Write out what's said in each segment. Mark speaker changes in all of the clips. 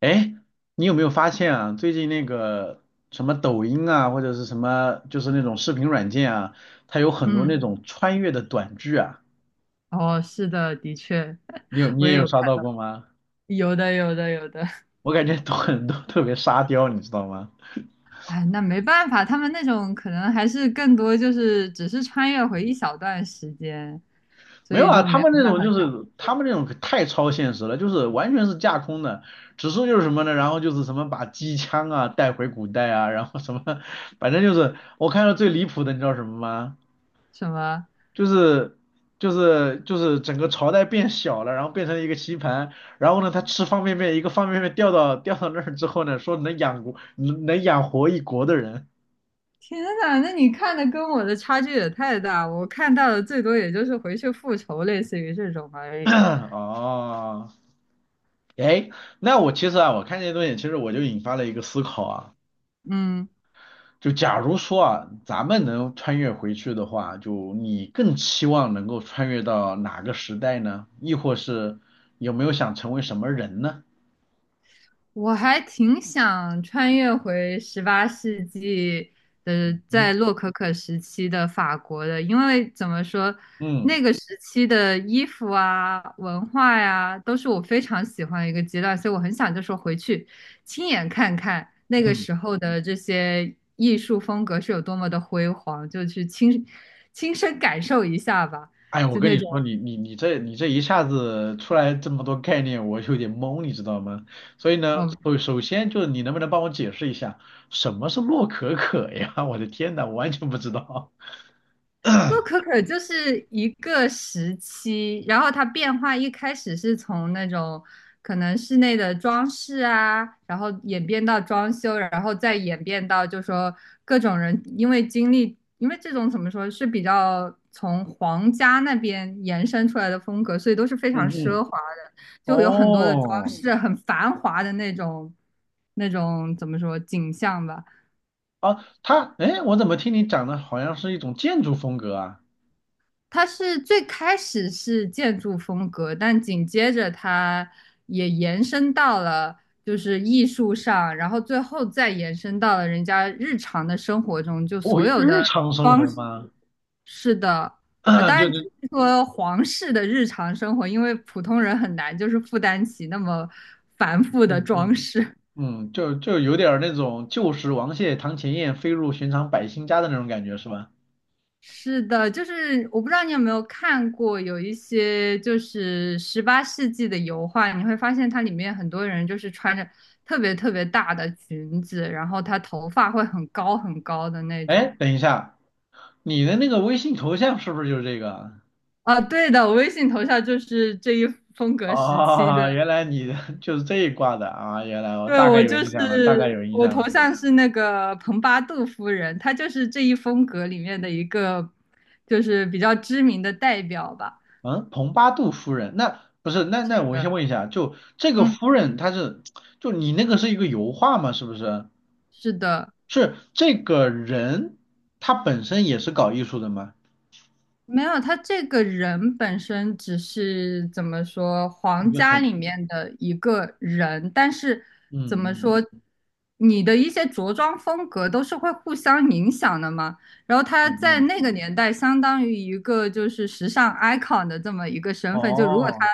Speaker 1: 哎，你有没有发现啊？最近那个什么抖音啊，或者是什么，就是那种视频软件啊，它有很多那
Speaker 2: 嗯，
Speaker 1: 种穿越的短剧啊。
Speaker 2: 哦，是的，的确，
Speaker 1: 你有你
Speaker 2: 我
Speaker 1: 也
Speaker 2: 也
Speaker 1: 有
Speaker 2: 有看，
Speaker 1: 刷到过吗？
Speaker 2: 有的，有的，有的。
Speaker 1: 我感觉都特别沙雕，你知道吗？
Speaker 2: 哎，那没办法，他们那种可能还是更多就是只是穿越回一小段时间，所
Speaker 1: 没有
Speaker 2: 以
Speaker 1: 啊，
Speaker 2: 就
Speaker 1: 他
Speaker 2: 没有
Speaker 1: 们那
Speaker 2: 办
Speaker 1: 种
Speaker 2: 法
Speaker 1: 就
Speaker 2: 讲
Speaker 1: 是他们那种可太超现实了，就是完全是架空的，指数就是什么呢？然后就是什么把机枪啊带回古代啊，然后什么，反正就是我看到最离谱的，你知道什么吗？
Speaker 2: 什么。
Speaker 1: 就是就是整个朝代变小了，然后变成了一个棋盘，然后呢，他吃方便面，一个方便面掉到那儿之后呢，说能养活一国的人。
Speaker 2: 天呐，那你看的跟我的差距也太大，我看到的最多也就是回去复仇，类似于这种而 已。
Speaker 1: 哦，哎，那我其实啊，我看这些东西，其实我就引发了一个思考啊，
Speaker 2: 嗯。
Speaker 1: 就假如说啊，咱们能穿越回去的话，就你更期望能够穿越到哪个时代呢？亦或是有没有想成为什么人呢？
Speaker 2: 我还挺想穿越回十八世纪的，在
Speaker 1: 嗯
Speaker 2: 洛可可时期的法国的，因为怎么说，
Speaker 1: 嗯
Speaker 2: 那个时期的衣服啊、文化呀、都是我非常喜欢的一个阶段，所以我很想就说回去亲眼看看那个
Speaker 1: 嗯。
Speaker 2: 时候的这些艺术风格是有多么的辉煌，就去亲身感受一下吧，
Speaker 1: 哎我
Speaker 2: 就
Speaker 1: 跟
Speaker 2: 那
Speaker 1: 你
Speaker 2: 种。
Speaker 1: 说，你这一下子出来这么多概念，我有点懵，你知道吗？所以呢，
Speaker 2: 哦，
Speaker 1: 首先就是你能不能帮我解释一下什么是洛可可呀？我的天呐，我完全不知道。
Speaker 2: 洛可可就是一个时期，然后它变化一开始是从那种可能室内的装饰啊，然后演变到装修，然后再演变到就说各种人因为经历，因为这种怎么说是比较从皇家那边延伸出来的风格，所以都是非常
Speaker 1: 嗯
Speaker 2: 奢
Speaker 1: 嗯，
Speaker 2: 华的，就有很多的装
Speaker 1: 哦，
Speaker 2: 饰，很繁华的那种怎么说景象吧。
Speaker 1: 啊，它，哎，我怎么听你讲的好像是一种建筑风格啊？
Speaker 2: 它是最开始是建筑风格，但紧接着它也延伸到了就是艺术上，然后最后再延伸到了人家日常的生活中，就
Speaker 1: 哦，
Speaker 2: 所有
Speaker 1: 日
Speaker 2: 的
Speaker 1: 常生
Speaker 2: 装
Speaker 1: 活吗？
Speaker 2: 饰的啊，当
Speaker 1: 就
Speaker 2: 然只
Speaker 1: 是，
Speaker 2: 是说皇室的日常生活，因为普通人很难就是负担起那么繁复的
Speaker 1: 嗯
Speaker 2: 装
Speaker 1: 嗯
Speaker 2: 饰。
Speaker 1: 嗯，就就有点儿那种旧时王谢堂前燕，飞入寻常百姓家的那种感觉是吧？
Speaker 2: 是的，就是我不知道你有没有看过，有一些就是十八世纪的油画，你会发现它里面很多人就是穿着特别特别大的裙子，然后他头发会很高很高的那种。
Speaker 1: 哎，等一下。你的那个微信头像是不是就是这个啊？
Speaker 2: 啊，对的，我微信头像就是这一风格时期的。
Speaker 1: 哦，原来你的 就是这一挂的啊！原来我
Speaker 2: 对，
Speaker 1: 大概
Speaker 2: 我
Speaker 1: 有
Speaker 2: 就
Speaker 1: 印象了，大概
Speaker 2: 是
Speaker 1: 有印
Speaker 2: 我
Speaker 1: 象
Speaker 2: 头
Speaker 1: 了。
Speaker 2: 像是那个蓬巴杜夫人，她就是这一风格里面的一个，就是比较知名的代表吧。
Speaker 1: 嗯，蓬巴杜夫人，那不是？那
Speaker 2: 是
Speaker 1: 那我先
Speaker 2: 的，
Speaker 1: 问一下，就这个
Speaker 2: 嗯，
Speaker 1: 夫人她是，就你那个是一个油画吗？是不是？
Speaker 2: 是的。
Speaker 1: 是这个人他本身也是搞艺术的吗？
Speaker 2: 没有，他这个人本身只是怎么说，
Speaker 1: 一
Speaker 2: 皇
Speaker 1: 个
Speaker 2: 家
Speaker 1: 很，
Speaker 2: 里面的一个人，但是
Speaker 1: 嗯
Speaker 2: 怎么说，
Speaker 1: 嗯
Speaker 2: 你的一些着装风格都是会互相影响的嘛。然后他
Speaker 1: 嗯
Speaker 2: 在
Speaker 1: 嗯，
Speaker 2: 那个年代，相当于一个就是时尚 icon 的这么一个身份。就如果
Speaker 1: 哦
Speaker 2: 他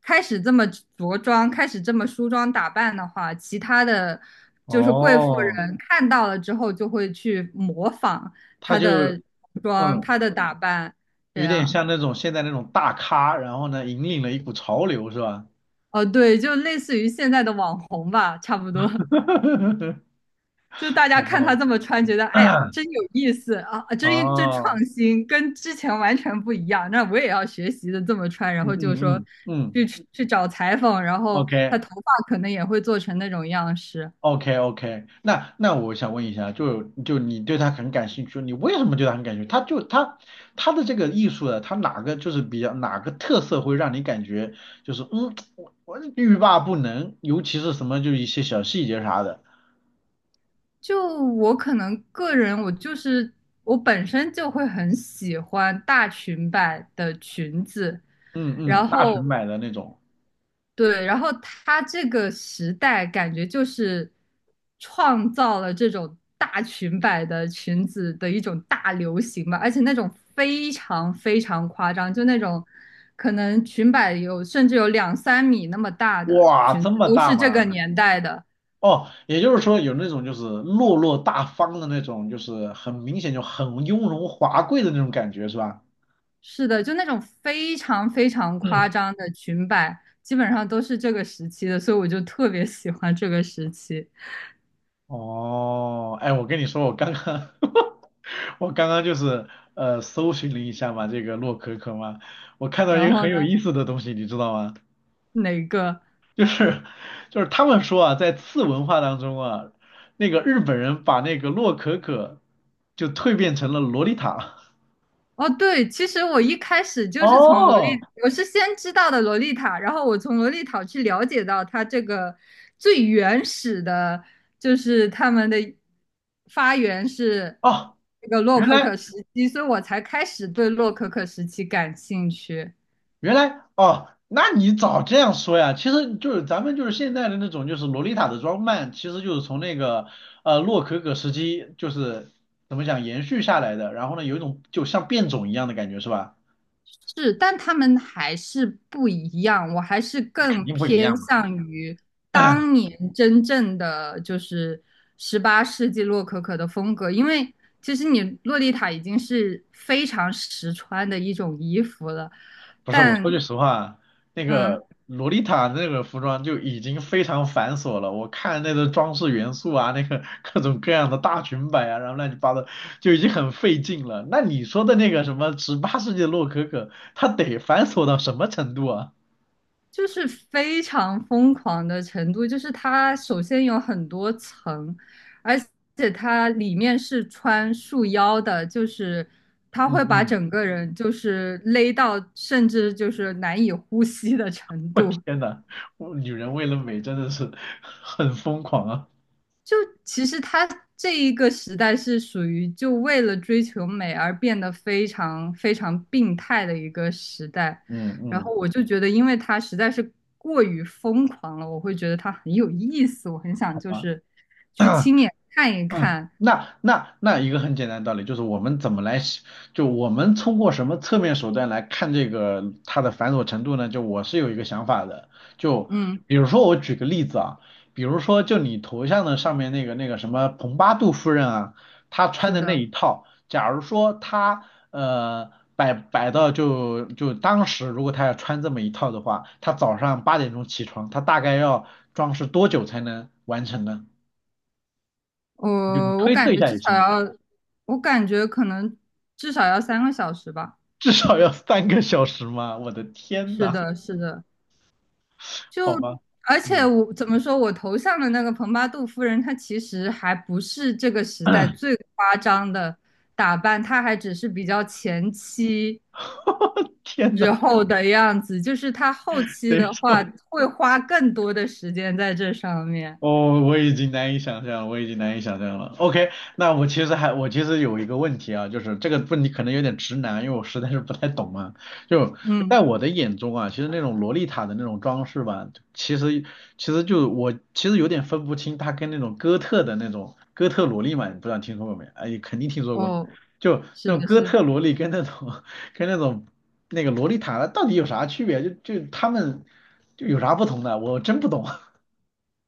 Speaker 2: 开始这么着装，开始这么梳妆打扮的话，其他的就是贵妇
Speaker 1: 哦，
Speaker 2: 人看到了之后就会去模仿
Speaker 1: 他
Speaker 2: 他
Speaker 1: 就
Speaker 2: 的服装、
Speaker 1: 嗯，
Speaker 2: 他的打扮。对
Speaker 1: 有点
Speaker 2: 啊？
Speaker 1: 像那种现在那种大咖，然后呢，引领了一股潮流，是吧？
Speaker 2: 哦，对，就类似于现在的网红吧，差不多。就大家
Speaker 1: 好吧，
Speaker 2: 看他这么穿，觉得哎呀，真有意思啊，啊真创
Speaker 1: 哦，
Speaker 2: 新，跟之前完全不一样。那我也要学习的这么穿，然
Speaker 1: 嗯
Speaker 2: 后就说
Speaker 1: 嗯嗯嗯
Speaker 2: 去去找裁缝，然后
Speaker 1: ，OK
Speaker 2: 他头发可能也会做成那种样式。
Speaker 1: OK OK，那那我想问一下，就就你对他很感兴趣，你为什么对他很感兴趣？他就他他的这个艺术的，他哪个就是比较哪个特色会让你感觉就是嗯，我欲罢不能，尤其是什么就一些小细节啥的，
Speaker 2: 就我可能个人，我就是我本身就会很喜欢大裙摆的裙子，
Speaker 1: 嗯嗯，
Speaker 2: 然
Speaker 1: 大
Speaker 2: 后
Speaker 1: 熊买的那种，
Speaker 2: 对，然后他这个时代感觉就是创造了这种大裙摆的裙子的一种大流行吧，而且那种非常非常夸张，就那种可能裙摆有甚至有两三米那么大的
Speaker 1: 哇，
Speaker 2: 裙
Speaker 1: 这
Speaker 2: 子
Speaker 1: 么
Speaker 2: 都
Speaker 1: 大
Speaker 2: 是这个
Speaker 1: 吗？
Speaker 2: 年代的。
Speaker 1: 哦，也就是说有那种就是落落大方的那种，就是很明显就很雍容华贵的那种感觉，是吧？
Speaker 2: 是的，就那种非常非常夸
Speaker 1: 嗯，
Speaker 2: 张的裙摆，基本上都是这个时期的，所以我就特别喜欢这个时期。
Speaker 1: 哦，哎，我跟你说，我刚刚 我刚刚就是搜寻了一下嘛，这个洛可可嘛，我看到一
Speaker 2: 然
Speaker 1: 个
Speaker 2: 后
Speaker 1: 很有
Speaker 2: 呢，
Speaker 1: 意思的东西，你知道吗？
Speaker 2: 哪个？
Speaker 1: 就是就是他们说啊，在次文化当中啊，那个日本人把那个洛可可就蜕变成了洛丽塔。
Speaker 2: 哦，对，其实我一开始就是从洛
Speaker 1: 哦
Speaker 2: 丽，我是先知道的洛丽塔，然后我从洛丽塔去了解到它这个最原始的，就是他们的发源是
Speaker 1: 哦，
Speaker 2: 那个洛
Speaker 1: 原
Speaker 2: 可
Speaker 1: 来
Speaker 2: 可时期，所以我才开始对洛可可时期感兴趣。
Speaker 1: 原来哦，那你早这样说呀，其实就是咱们就是现在的那种就是洛丽塔的装扮，其实就是从那个洛可可时期就是怎么讲延续下来的，然后呢有一种就像变种一样的感觉是吧？
Speaker 2: 是，但他们还是不一样，我还是
Speaker 1: 肯
Speaker 2: 更
Speaker 1: 定不一
Speaker 2: 偏
Speaker 1: 样嘛。
Speaker 2: 向于当 年真正的就是十八世纪洛可可的风格，因为其实你洛丽塔已经是非常实穿的一种衣服了，
Speaker 1: 不是，我说句
Speaker 2: 但
Speaker 1: 实话，那
Speaker 2: 嗯，
Speaker 1: 个洛丽塔那个服装就已经非常繁琐了。我看那个装饰元素啊，那个各种各样的大裙摆啊，然后乱七八糟，就已经很费劲了。那你说的那个什么18世纪的洛可可，它得繁琐到什么程度啊？
Speaker 2: 就是非常疯狂的程度，就是它首先有很多层，而且它里面是穿束腰的，就是它
Speaker 1: 嗯
Speaker 2: 会把
Speaker 1: 嗯，
Speaker 2: 整个人就是勒到甚至就是难以呼吸的程
Speaker 1: 我
Speaker 2: 度。
Speaker 1: 天呐，我女人为了美真的是很疯狂啊。
Speaker 2: 就其实他这一个时代是属于就为了追求美而变得非常非常病态的一个时代，
Speaker 1: 嗯
Speaker 2: 然
Speaker 1: 嗯，
Speaker 2: 后我就觉得，因为他实在是过于疯狂了，我会觉得他很有意思，我很想
Speaker 1: 好
Speaker 2: 就
Speaker 1: 吧。
Speaker 2: 是去亲 眼看一
Speaker 1: 嗯，
Speaker 2: 看。
Speaker 1: 那那那一个很简单的道理就是我们怎么来喜就我们通过什么侧面手段来看这个它的繁琐程度呢？就我是有一个想法的，就
Speaker 2: 嗯，
Speaker 1: 比如说我举个例子啊，比如说就你头像的上面那个那个什么蓬巴杜夫人啊，她穿
Speaker 2: 是
Speaker 1: 的那一
Speaker 2: 的，
Speaker 1: 套，假如说她呃摆摆到就就当时如果她要穿这么一套的话，她早上8点钟起床，她大概要装饰多久才能完成呢？
Speaker 2: 我
Speaker 1: 就你
Speaker 2: 我
Speaker 1: 推测
Speaker 2: 感
Speaker 1: 一
Speaker 2: 觉
Speaker 1: 下
Speaker 2: 至
Speaker 1: 也
Speaker 2: 少
Speaker 1: 行。
Speaker 2: 要，我感觉可能至少要三个小时吧。
Speaker 1: 至少要3个小时吗？我的天
Speaker 2: 是
Speaker 1: 呐，
Speaker 2: 的，是的。就
Speaker 1: 好吗？
Speaker 2: 而且
Speaker 1: 嗯，
Speaker 2: 我怎么说，我头像的那个蓬巴杜夫人，她其实还不是这个时代最夸张的打扮，她还只是比较前期
Speaker 1: 天
Speaker 2: 之
Speaker 1: 呐，
Speaker 2: 后的样子，就是她后期
Speaker 1: 等于
Speaker 2: 的话
Speaker 1: 说。
Speaker 2: 会花更多的时间在这上面。
Speaker 1: 哦，我已经难以想象了。OK，那我其实还我其实有一个问题啊，就是这个问题可能有点直男，因为我实在是不太懂嘛。就在
Speaker 2: 嗯，
Speaker 1: 我的眼中啊，其实那种洛丽塔的那种装饰吧，其实其实就我其实有点分不清它跟那种哥特的那种哥特萝莉嘛，不知道听说过没？哎，肯定听说过。
Speaker 2: 哦，
Speaker 1: 就
Speaker 2: 是
Speaker 1: 那种
Speaker 2: 的，
Speaker 1: 哥
Speaker 2: 是的
Speaker 1: 特萝莉跟那种 跟那种那个洛丽塔到底有啥区别？他们有啥不同的？我真不懂。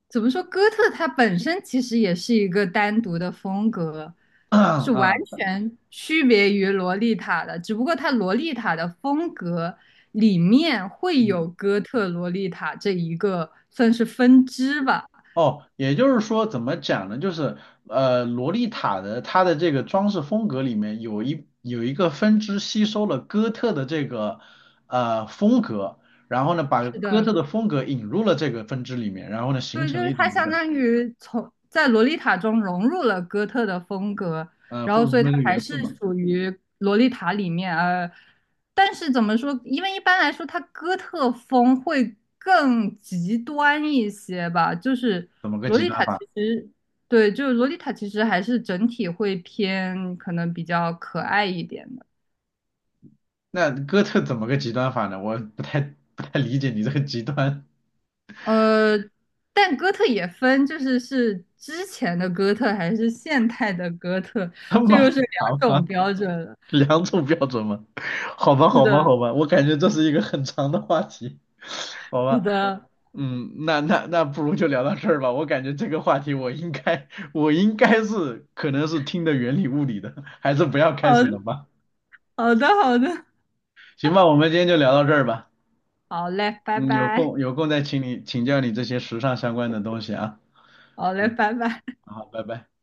Speaker 2: 怎么说？哥特它本身其实也是一个单独的风格，是完
Speaker 1: 啊。
Speaker 2: 全区别于洛丽塔的。只不过它洛丽塔的风格里面会
Speaker 1: 嗯，
Speaker 2: 有哥特洛丽塔这一个算是分支吧。
Speaker 1: 哦，也就是说，怎么讲呢？就是洛丽塔的它的这个装饰风格里面有一个分支吸收了哥特的这个风格，然后呢，把
Speaker 2: 是
Speaker 1: 哥
Speaker 2: 的，
Speaker 1: 特的风格引入了这个分支里面，然后呢，形
Speaker 2: 对，
Speaker 1: 成
Speaker 2: 就
Speaker 1: 了
Speaker 2: 是
Speaker 1: 一
Speaker 2: 他
Speaker 1: 种这
Speaker 2: 相
Speaker 1: 个
Speaker 2: 当于从在《洛丽塔》中融入了哥特的风格，然后所以他
Speaker 1: 那个
Speaker 2: 还
Speaker 1: 元
Speaker 2: 是
Speaker 1: 素嘛，
Speaker 2: 属于《洛丽塔》里面但是怎么说？因为一般来说，它哥特风会更极端一些吧。就是
Speaker 1: 怎么个
Speaker 2: 《洛
Speaker 1: 极
Speaker 2: 丽
Speaker 1: 端
Speaker 2: 塔》其
Speaker 1: 法？
Speaker 2: 实对，就是《洛丽塔》其实还是整体会偏可能比较可爱一点的。
Speaker 1: 那哥特怎么个极端法呢？我不太不太理解你这个极端，
Speaker 2: 呃，但哥特也分，就是是之前的哥特还是现代的哥特，
Speaker 1: 这
Speaker 2: 这
Speaker 1: 么
Speaker 2: 又是
Speaker 1: 复
Speaker 2: 两
Speaker 1: 杂
Speaker 2: 种
Speaker 1: 吗？
Speaker 2: 标准了。
Speaker 1: 两种标准吗？好吧，
Speaker 2: 是
Speaker 1: 好吧，
Speaker 2: 的，
Speaker 1: 好吧，我感觉这是一个很长的话题，好
Speaker 2: 是
Speaker 1: 吧，
Speaker 2: 的，
Speaker 1: 嗯，那那那不如就聊到这儿吧。我感觉这个话题我应该是可能是听的云里雾里的，还是不要
Speaker 2: 好，
Speaker 1: 开始了吧。
Speaker 2: 好的，好的，
Speaker 1: 行吧，我们今天就聊到这儿吧。
Speaker 2: 好嘞，拜
Speaker 1: 嗯，有
Speaker 2: 拜，
Speaker 1: 空有空再请教你这些时尚相关的东西啊。
Speaker 2: 好嘞，拜拜。
Speaker 1: 好，拜拜。